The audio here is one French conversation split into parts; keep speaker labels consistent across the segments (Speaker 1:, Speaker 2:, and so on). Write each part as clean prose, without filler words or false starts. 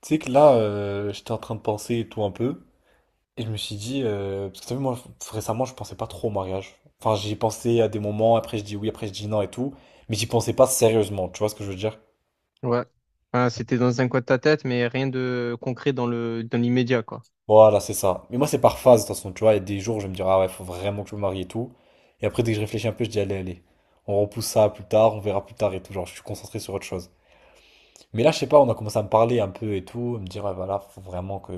Speaker 1: Tu sais que là, j'étais en train de penser et tout un peu, et je me suis dit, parce que t'as vu, moi, récemment, je pensais pas trop au mariage. Enfin, j'y ai pensé à des moments, après je dis oui, après je dis non et tout, mais j'y pensais pas sérieusement, tu vois ce que je veux dire?
Speaker 2: Ouais. Enfin, c'était dans un coin de ta tête, mais rien de concret dans le dans l'immédiat, quoi.
Speaker 1: Voilà, c'est ça. Mais moi, c'est par phase, de toute façon, tu vois, il y a des jours où je vais me dire, ah ouais, faut vraiment que je me marie et tout, et après, dès que je réfléchis un peu, je dis, allez, allez, on repousse ça à plus tard, on verra plus tard et tout, genre, je suis concentré sur autre chose. Mais là, je sais pas, on a commencé à me parler un peu et tout, à me dire, ah, voilà, faut vraiment que,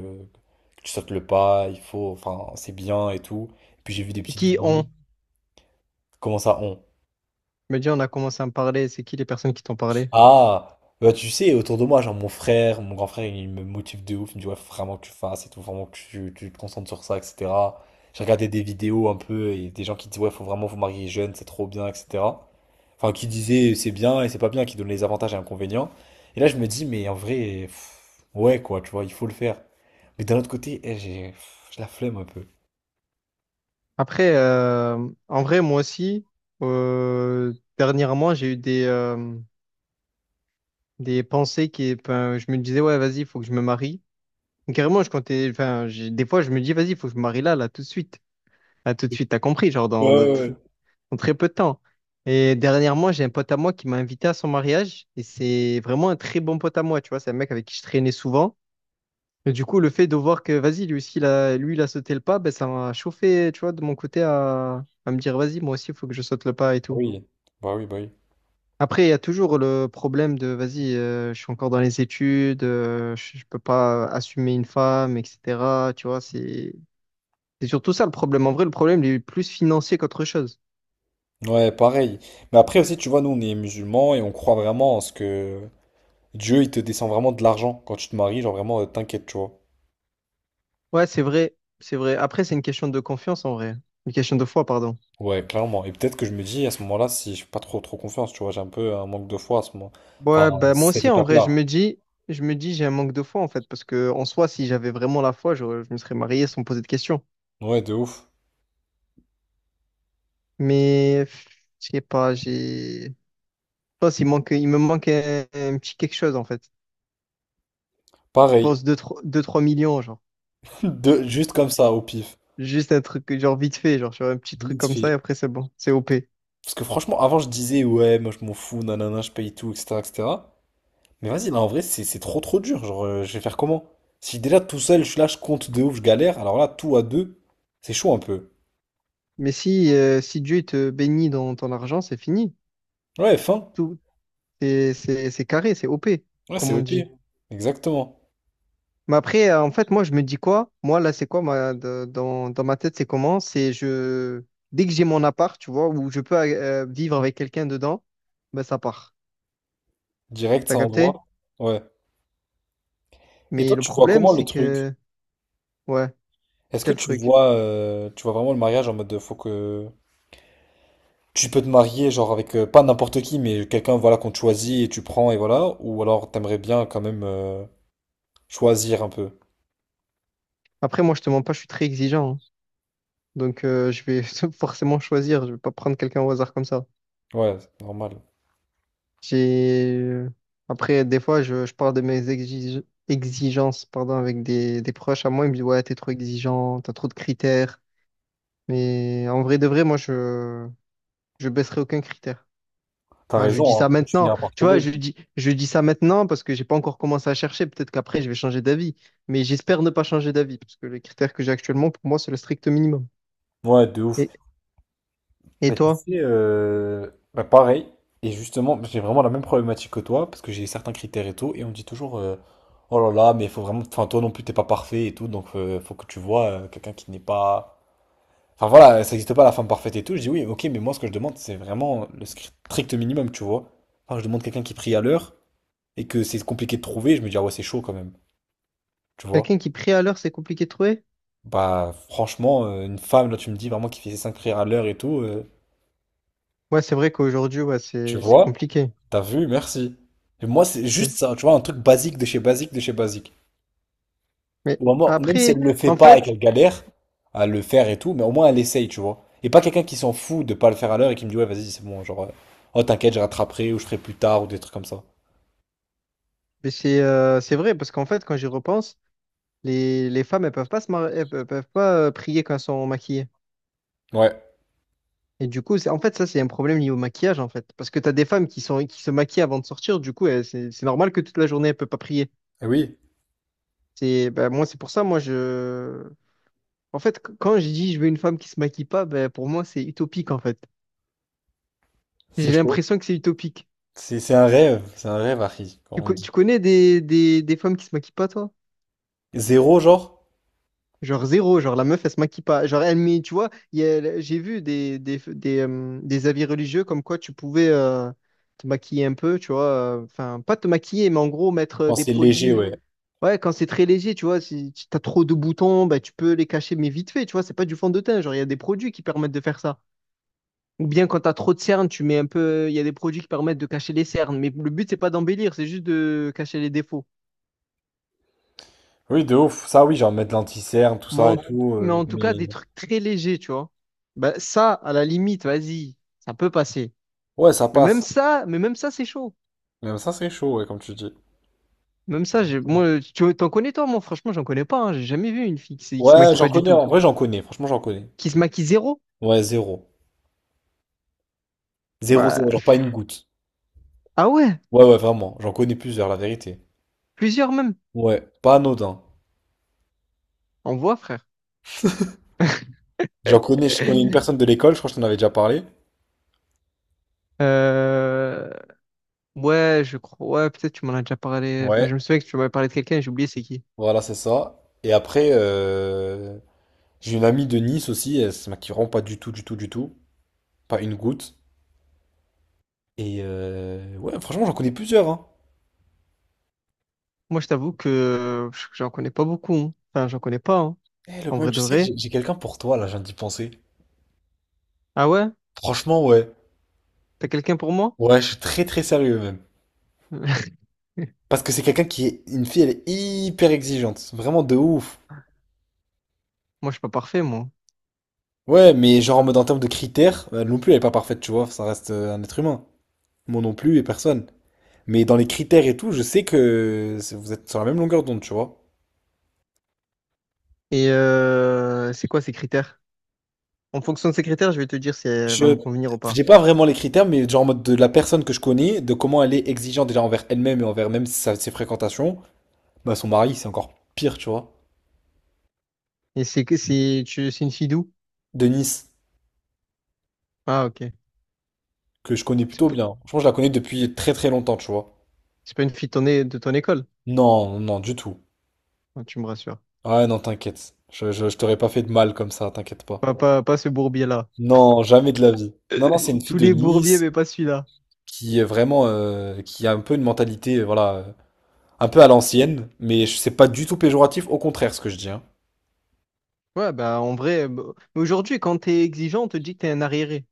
Speaker 1: que tu sautes le pas, il faut, enfin, c'est bien et tout. Et puis j'ai vu des
Speaker 2: Et
Speaker 1: petites
Speaker 2: qui
Speaker 1: vidéos.
Speaker 2: ont?
Speaker 1: Comment ça, on?
Speaker 2: Je me dis, on a commencé à me parler, c'est qui les personnes qui t'ont parlé?
Speaker 1: Ah, bah, tu sais, autour de moi, genre mon frère, mon grand frère, il me motive de ouf, il me dit, ouais, faut vraiment que tu fasses et tout, vraiment que tu te concentres sur ça, etc. J'ai regardé des vidéos un peu et des gens qui disent, ouais, faut vraiment vous marier jeune, c'est trop bien, etc. Enfin, qui disait c'est bien et c'est pas bien, qui donne les avantages et inconvénients. Et là, je me dis, mais en vrai, ouais, quoi, tu vois, il faut le faire. Mais d'un autre côté, eh, j'ai la flemme un peu.
Speaker 2: Après, en vrai, moi aussi, dernièrement, j'ai eu des pensées qui, enfin, je me disais, ouais, vas-y, il faut que je me marie. Carrément, je comptais, enfin, des fois, je me dis, vas-y, il faut que je me marie là, là, tout de suite. Là, tout de suite, t'as compris, genre,
Speaker 1: Ouais, ouais, ouais.
Speaker 2: en très peu de temps. Et dernièrement, j'ai un pote à moi qui m'a invité à son mariage et c'est vraiment un très bon pote à moi, tu vois, c'est un mec avec qui je traînais souvent. Et du coup, le fait de voir que, vas-y, lui, il a sauté le pas, ben, ça m'a chauffé, tu vois, de mon côté à me dire, vas-y, moi aussi, il faut que je saute le pas et
Speaker 1: Bah
Speaker 2: tout.
Speaker 1: oui, bah oui, bah oui.
Speaker 2: Après, il y a toujours le problème de, vas-y, je suis encore dans les études, je peux pas assumer une femme, etc. Tu vois, c'est surtout ça le problème. En vrai, le problème, il est plus financier qu'autre chose.
Speaker 1: Ouais, pareil. Mais après aussi, tu vois, nous, on est musulmans et on croit vraiment en ce que Dieu, il te descend vraiment de l'argent quand tu te maries, genre vraiment, t'inquiète, tu vois.
Speaker 2: Ouais, c'est vrai, c'est vrai. Après, c'est une question de confiance en vrai. Une question de foi, pardon.
Speaker 1: Ouais, clairement. Et peut-être que je me dis, à ce moment-là, si je suis pas trop trop confiance, tu vois, j'ai un peu un manque de foi à ce moment. Enfin,
Speaker 2: Ouais, bah moi
Speaker 1: cette
Speaker 2: aussi, en vrai,
Speaker 1: étape-là.
Speaker 2: je me dis, j'ai un manque de foi, en fait, parce que en soi, si j'avais vraiment la foi, me serais marié sans me poser de questions.
Speaker 1: Ouais, de ouf.
Speaker 2: Mais, pff, je sais pas, je pense, il me manque un petit quelque chose, en fait. Je
Speaker 1: Pareil.
Speaker 2: pense 2 3 millions, genre.
Speaker 1: De, juste comme ça, au pif.
Speaker 2: Juste un truc, que, genre, vite fait, genre, sur un petit truc
Speaker 1: Vite
Speaker 2: comme ça, et
Speaker 1: fait.
Speaker 2: après, c'est bon, c'est OP.
Speaker 1: Parce que franchement, avant, je disais, ouais, moi, je m'en fous, nanana, je paye tout, etc., etc. Mais vas-y, là, en vrai, c'est trop, trop dur. Genre, je vais faire comment? Si déjà, tout seul, je suis là, je compte de ouf, je galère, alors là, tout à deux, c'est chaud un peu.
Speaker 2: Mais si, si Dieu il te bénit dans ton argent, c'est fini.
Speaker 1: Ouais, fin.
Speaker 2: Tout, c'est carré, c'est OP,
Speaker 1: Ouais, c'est
Speaker 2: comme on dit.
Speaker 1: OP. Exactement.
Speaker 2: Mais après, en fait, moi, je me dis quoi? Moi, là, c'est quoi ma, de- dans, dans ma tête, c'est comment? C'est je dès que j'ai mon appart, tu vois, où je peux vivre avec quelqu'un dedans, ben ça part.
Speaker 1: Direct,
Speaker 2: T'as
Speaker 1: ça
Speaker 2: capté?
Speaker 1: envoie. Ouais. Et
Speaker 2: Mais
Speaker 1: toi,
Speaker 2: le
Speaker 1: tu vois
Speaker 2: problème,
Speaker 1: comment le
Speaker 2: c'est
Speaker 1: truc?
Speaker 2: que ouais,
Speaker 1: Est-ce que
Speaker 2: quel
Speaker 1: tu
Speaker 2: truc.
Speaker 1: vois, euh, tu vois vraiment le mariage en mode de, faut que... Tu peux te marier, genre avec pas n'importe qui, mais quelqu'un voilà qu'on te choisit et tu prends et voilà, ou alors t'aimerais bien quand même choisir un peu.
Speaker 2: Après, moi, je te mens pas, je suis très exigeant, hein. Donc, je vais forcément choisir. Je vais pas prendre quelqu'un au hasard comme ça.
Speaker 1: Ouais, c'est normal.
Speaker 2: J'ai Après, des fois, je parle de mes exigences, pardon, avec des proches à moi. Ils me disent, ouais, t'es trop exigeant, t'as trop de critères. Mais en vrai de vrai, moi, je baisserai aucun critère.
Speaker 1: T'as
Speaker 2: Enfin, je dis
Speaker 1: raison,
Speaker 2: ça
Speaker 1: hein, tu
Speaker 2: maintenant.
Speaker 1: finiras par
Speaker 2: Tu vois,
Speaker 1: trouver.
Speaker 2: je dis ça maintenant parce que j'ai pas encore commencé à chercher. Peut-être qu'après, je vais changer d'avis. Mais j'espère ne pas changer d'avis parce que les critères que j'ai actuellement, pour moi, c'est le strict minimum.
Speaker 1: Ouais, de ouf.
Speaker 2: Et et
Speaker 1: Bah tu
Speaker 2: toi,
Speaker 1: sais, bah, pareil. Et justement, j'ai vraiment la même problématique que toi, parce que j'ai certains critères et tout, et on me dit toujours, oh là là, mais il faut vraiment, enfin toi non plus t'es pas parfait et tout, donc faut que tu vois quelqu'un qui n'est pas. Enfin voilà, ça n'existe pas la femme parfaite et tout. Je dis oui, ok, mais moi ce que je demande, c'est vraiment le strict minimum, tu vois. Enfin, je demande quelqu'un qui prie à l'heure et que c'est compliqué de trouver, je me dis ah ouais, c'est chaud quand même, tu vois.
Speaker 2: quelqu'un qui prie à l'heure, c'est compliqué de trouver?
Speaker 1: Bah franchement, une femme, là tu me dis vraiment qui fait ses cinq prières à l'heure et tout,
Speaker 2: Ouais, c'est vrai qu'aujourd'hui, ouais,
Speaker 1: tu
Speaker 2: c'est
Speaker 1: vois,
Speaker 2: compliqué.
Speaker 1: t'as vu, merci. Et moi c'est juste ça, tu vois, un truc basique de chez basique de chez basique.
Speaker 2: Mais
Speaker 1: Ou à moi, même si elle
Speaker 2: après,
Speaker 1: ne le fait
Speaker 2: en
Speaker 1: pas et
Speaker 2: fait,
Speaker 1: qu'elle galère à le faire et tout, mais au moins elle essaye, tu vois. Et pas quelqu'un qui s'en fout de pas le faire à l'heure et qui me dit, ouais, vas-y, c'est bon, genre, oh, t'inquiète, je rattraperai ou je ferai plus tard ou des trucs comme ça.
Speaker 2: mais c'est vrai parce qu'en fait, quand j'y repense, les femmes, elles peuvent pas se mar- elles peuvent pas prier quand elles sont maquillées.
Speaker 1: Ouais.
Speaker 2: Et du coup, c'est, en fait, ça, c'est un problème lié au maquillage, en fait. Parce que tu as des femmes qui sont, qui se maquillent avant de sortir, du coup, c'est normal que toute la journée, elle peut pas prier.
Speaker 1: Eh oui,
Speaker 2: C'est, ben, moi, c'est pour ça, moi, je. En fait, quand je dis je veux une femme qui se maquille pas, ben, pour moi, c'est utopique, en fait.
Speaker 1: c'est
Speaker 2: J'ai
Speaker 1: chaud.
Speaker 2: l'impression que c'est utopique.
Speaker 1: C'est un rêve, c'est un rêve, Harry, comme on
Speaker 2: Tu
Speaker 1: dit.
Speaker 2: connais des femmes qui se maquillent pas, toi?
Speaker 1: Zéro, genre,
Speaker 2: Genre zéro, genre la meuf, elle se maquille pas. Genre, elle met, tu vois, j'ai vu des avis religieux comme quoi tu pouvais, te maquiller un peu, tu vois, enfin pas te maquiller, mais en gros mettre
Speaker 1: quand
Speaker 2: des
Speaker 1: c'est léger,
Speaker 2: produits.
Speaker 1: ouais.
Speaker 2: Ouais, quand c'est très léger, tu vois, si tu as trop de boutons, bah, tu peux les cacher, mais vite fait, tu vois, c'est pas du fond de teint. Genre, il y a des produits qui permettent de faire ça. Ou bien quand tu as trop de cernes, tu mets un peu. Il y a des produits qui permettent de cacher les cernes. Mais le but, c'est pas d'embellir, c'est juste de cacher les défauts.
Speaker 1: Oui, de ouf. Ça, oui, genre mettre l'anti-cerne, tout
Speaker 2: Mais
Speaker 1: ça et
Speaker 2: en,
Speaker 1: tout.
Speaker 2: mais en tout cas,
Speaker 1: Mais
Speaker 2: des trucs très légers, tu vois. Bah, ça, à la limite, vas-y, ça peut passer.
Speaker 1: ouais, ça passe.
Speaker 2: Mais même ça, c'est chaud.
Speaker 1: Même ça, c'est chaud, ouais, comme tu dis.
Speaker 2: Même ça, moi, tu t'en connais toi, moi, franchement, j'en connais pas, hein. J'ai jamais vu une fille qui se
Speaker 1: Ouais,
Speaker 2: maquille
Speaker 1: j'en
Speaker 2: pas du
Speaker 1: connais,
Speaker 2: tout.
Speaker 1: en vrai, j'en connais. Franchement, j'en connais.
Speaker 2: Qui se maquille zéro.
Speaker 1: Ouais, zéro. Zéro,
Speaker 2: Bah,
Speaker 1: zéro, genre pas une goutte.
Speaker 2: ah ouais,
Speaker 1: Ouais, ouais, vraiment. J'en connais plusieurs, la vérité.
Speaker 2: plusieurs même.
Speaker 1: Ouais, pas anodin.
Speaker 2: On voit, frère.
Speaker 1: J'en connais, je connais une personne de l'école, je crois que je t'en avais déjà parlé.
Speaker 2: Euh, Ouais, je crois. Ouais, peut-être tu m'en as déjà parlé. Enfin,
Speaker 1: Ouais,
Speaker 2: je me souviens que tu m'avais parlé de quelqu'un et j'ai oublié c'est qui.
Speaker 1: voilà, c'est ça. Et après, j'ai une amie de Nice aussi, elle se maquille vraiment pas du tout, du tout, du tout. Pas une goutte. Et ouais, franchement, j'en connais plusieurs, hein.
Speaker 2: Moi, je t'avoue que j'en connais pas beaucoup, hein. Enfin, j'en connais pas, hein.
Speaker 1: Eh,
Speaker 2: En
Speaker 1: Lokman,
Speaker 2: vrai
Speaker 1: tu
Speaker 2: de
Speaker 1: sais,
Speaker 2: vrai.
Speaker 1: j'ai quelqu'un pour toi, là, je viens d'y penser.
Speaker 2: Ah ouais?
Speaker 1: Franchement, ouais.
Speaker 2: T'as quelqu'un pour moi?
Speaker 1: Ouais, je suis très, très sérieux, même. Parce que c'est quelqu'un qui est... Une fille, elle est hyper exigeante. Vraiment de ouf.
Speaker 2: Moi, je suis pas parfait, moi.
Speaker 1: Ouais, mais genre en mode en termes de critères, elle non plus elle est pas parfaite, tu vois, ça reste un être humain. Moi non plus et personne. Mais dans les critères et tout, je sais que vous êtes sur la même longueur d'onde, tu vois.
Speaker 2: Et c'est quoi ces critères? En fonction de ces critères, je vais te dire si elle va me
Speaker 1: Je
Speaker 2: convenir ou pas.
Speaker 1: j'ai pas vraiment les critères, mais genre en mode de la personne que je connais, de comment elle est exigeante déjà envers elle-même et envers même ses fréquentations, bah son mari c'est encore pire, tu vois.
Speaker 2: Et c'est que c'est tu c'est une fille d'où?
Speaker 1: Denise,
Speaker 2: Ah ok.
Speaker 1: que je connais
Speaker 2: C'est
Speaker 1: plutôt
Speaker 2: pas,
Speaker 1: bien. Franchement, je la connais depuis très très longtemps, tu vois.
Speaker 2: c'est pas une fille de de ton école.
Speaker 1: Non, non, du tout.
Speaker 2: Ah, tu me rassures.
Speaker 1: Ah non, t'inquiète. Je t'aurais pas fait de mal comme ça, t'inquiète pas.
Speaker 2: Pas ce bourbier-là.
Speaker 1: Non, jamais de la vie. Non, non, c'est une fille
Speaker 2: Tous
Speaker 1: de
Speaker 2: les bourbiers,
Speaker 1: Nice
Speaker 2: mais pas celui-là.
Speaker 1: qui est vraiment, qui a un peu une mentalité, voilà, un peu à l'ancienne, mais c'est pas du tout péjoratif, au contraire, ce que je dis, hein.
Speaker 2: Ouais, bah en vrai, bah, mais aujourd'hui, quand t'es exigeant, on te dit que t'es un arriéré.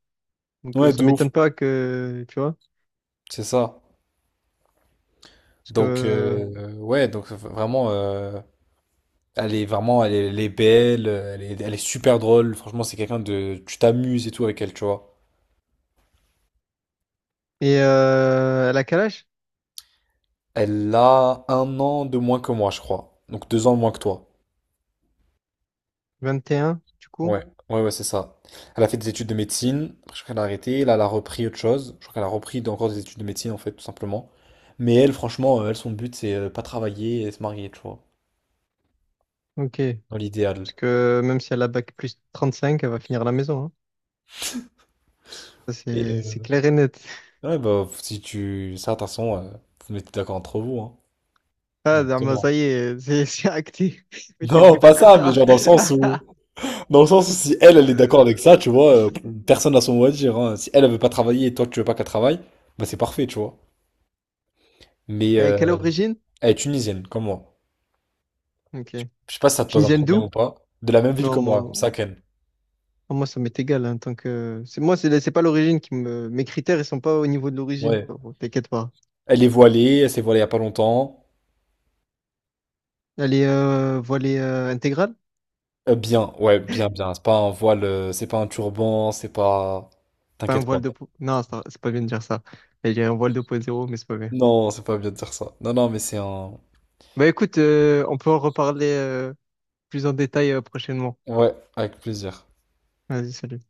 Speaker 2: Donc
Speaker 1: Ouais,
Speaker 2: ça
Speaker 1: de ouf,
Speaker 2: m'étonne pas que, tu vois,
Speaker 1: c'est ça.
Speaker 2: parce
Speaker 1: Donc,
Speaker 2: que...
Speaker 1: ouais, donc vraiment, elle est vraiment, elle est belle, elle est super drôle. Franchement, c'est quelqu'un de, tu t'amuses et tout avec elle, tu vois.
Speaker 2: Et elle a quel âge?
Speaker 1: Elle a 1 an de moins que moi, je crois. Donc 2 ans de moins que toi.
Speaker 2: 21, du coup?
Speaker 1: Ouais, ouais, ouais, c'est ça. Elle a fait des études de médecine, après, je crois qu'elle a arrêté, là, elle a repris autre chose. Je crois qu'elle a repris encore des études de médecine, en fait, tout simplement. Mais elle, franchement, elle, son but, c'est pas travailler et se marier, tu vois,
Speaker 2: Ok.
Speaker 1: dans l'idéal.
Speaker 2: Parce que même si elle a bac plus 35, elle va finir à la maison, hein. Ça,
Speaker 1: Et
Speaker 2: c'est clair et net.
Speaker 1: ouais, bah, si tu. Ça, de toute façon, vous vous mettez d'accord entre vous, hein,
Speaker 2: Ah, Dharma,
Speaker 1: directement.
Speaker 2: ça y est, c'est acté.
Speaker 1: Non,
Speaker 2: Mettez-vous
Speaker 1: pas ça, mais
Speaker 2: d'accord.
Speaker 1: genre dans le sens où. Dans le sens où si elle, elle est d'accord avec ça,
Speaker 2: Euh,
Speaker 1: tu vois, personne n'a son mot à dire. Hein. Si elle, elle veut pas travailler et toi, tu veux pas qu'elle travaille, bah, c'est parfait, tu vois. Mais
Speaker 2: quelle origine?
Speaker 1: elle est tunisienne, comme moi.
Speaker 2: Ok.
Speaker 1: Je sais pas si ça te pose un
Speaker 2: Tunisienne
Speaker 1: problème
Speaker 2: d'où?
Speaker 1: ou pas. De la même ville
Speaker 2: Non,
Speaker 1: que moi,
Speaker 2: moi,
Speaker 1: Saken.
Speaker 2: ah, moi, ça m'est égal, hein, tant que... C'est, moi, c'est pas l'origine qui me... Mes critères, ils sont pas au niveau de l'origine.
Speaker 1: Ouais.
Speaker 2: Bon, t'inquiète pas.
Speaker 1: Elle est voilée, elle s'est voilée il y a pas longtemps.
Speaker 2: Elle est voilée intégrale?
Speaker 1: Bien, ouais, bien, bien. C'est pas un voile, c'est pas un turban, c'est pas.
Speaker 2: Pas un
Speaker 1: T'inquiète pas.
Speaker 2: voile de... non, c'est pas bien de dire ça. Elle est un voile de point zéro mais c'est pas bien.
Speaker 1: Non, c'est pas bien de dire ça. Non, non, mais c'est un.
Speaker 2: Bah écoute, on peut en reparler plus en détail prochainement.
Speaker 1: Ouais, avec plaisir.
Speaker 2: Vas-y, salut.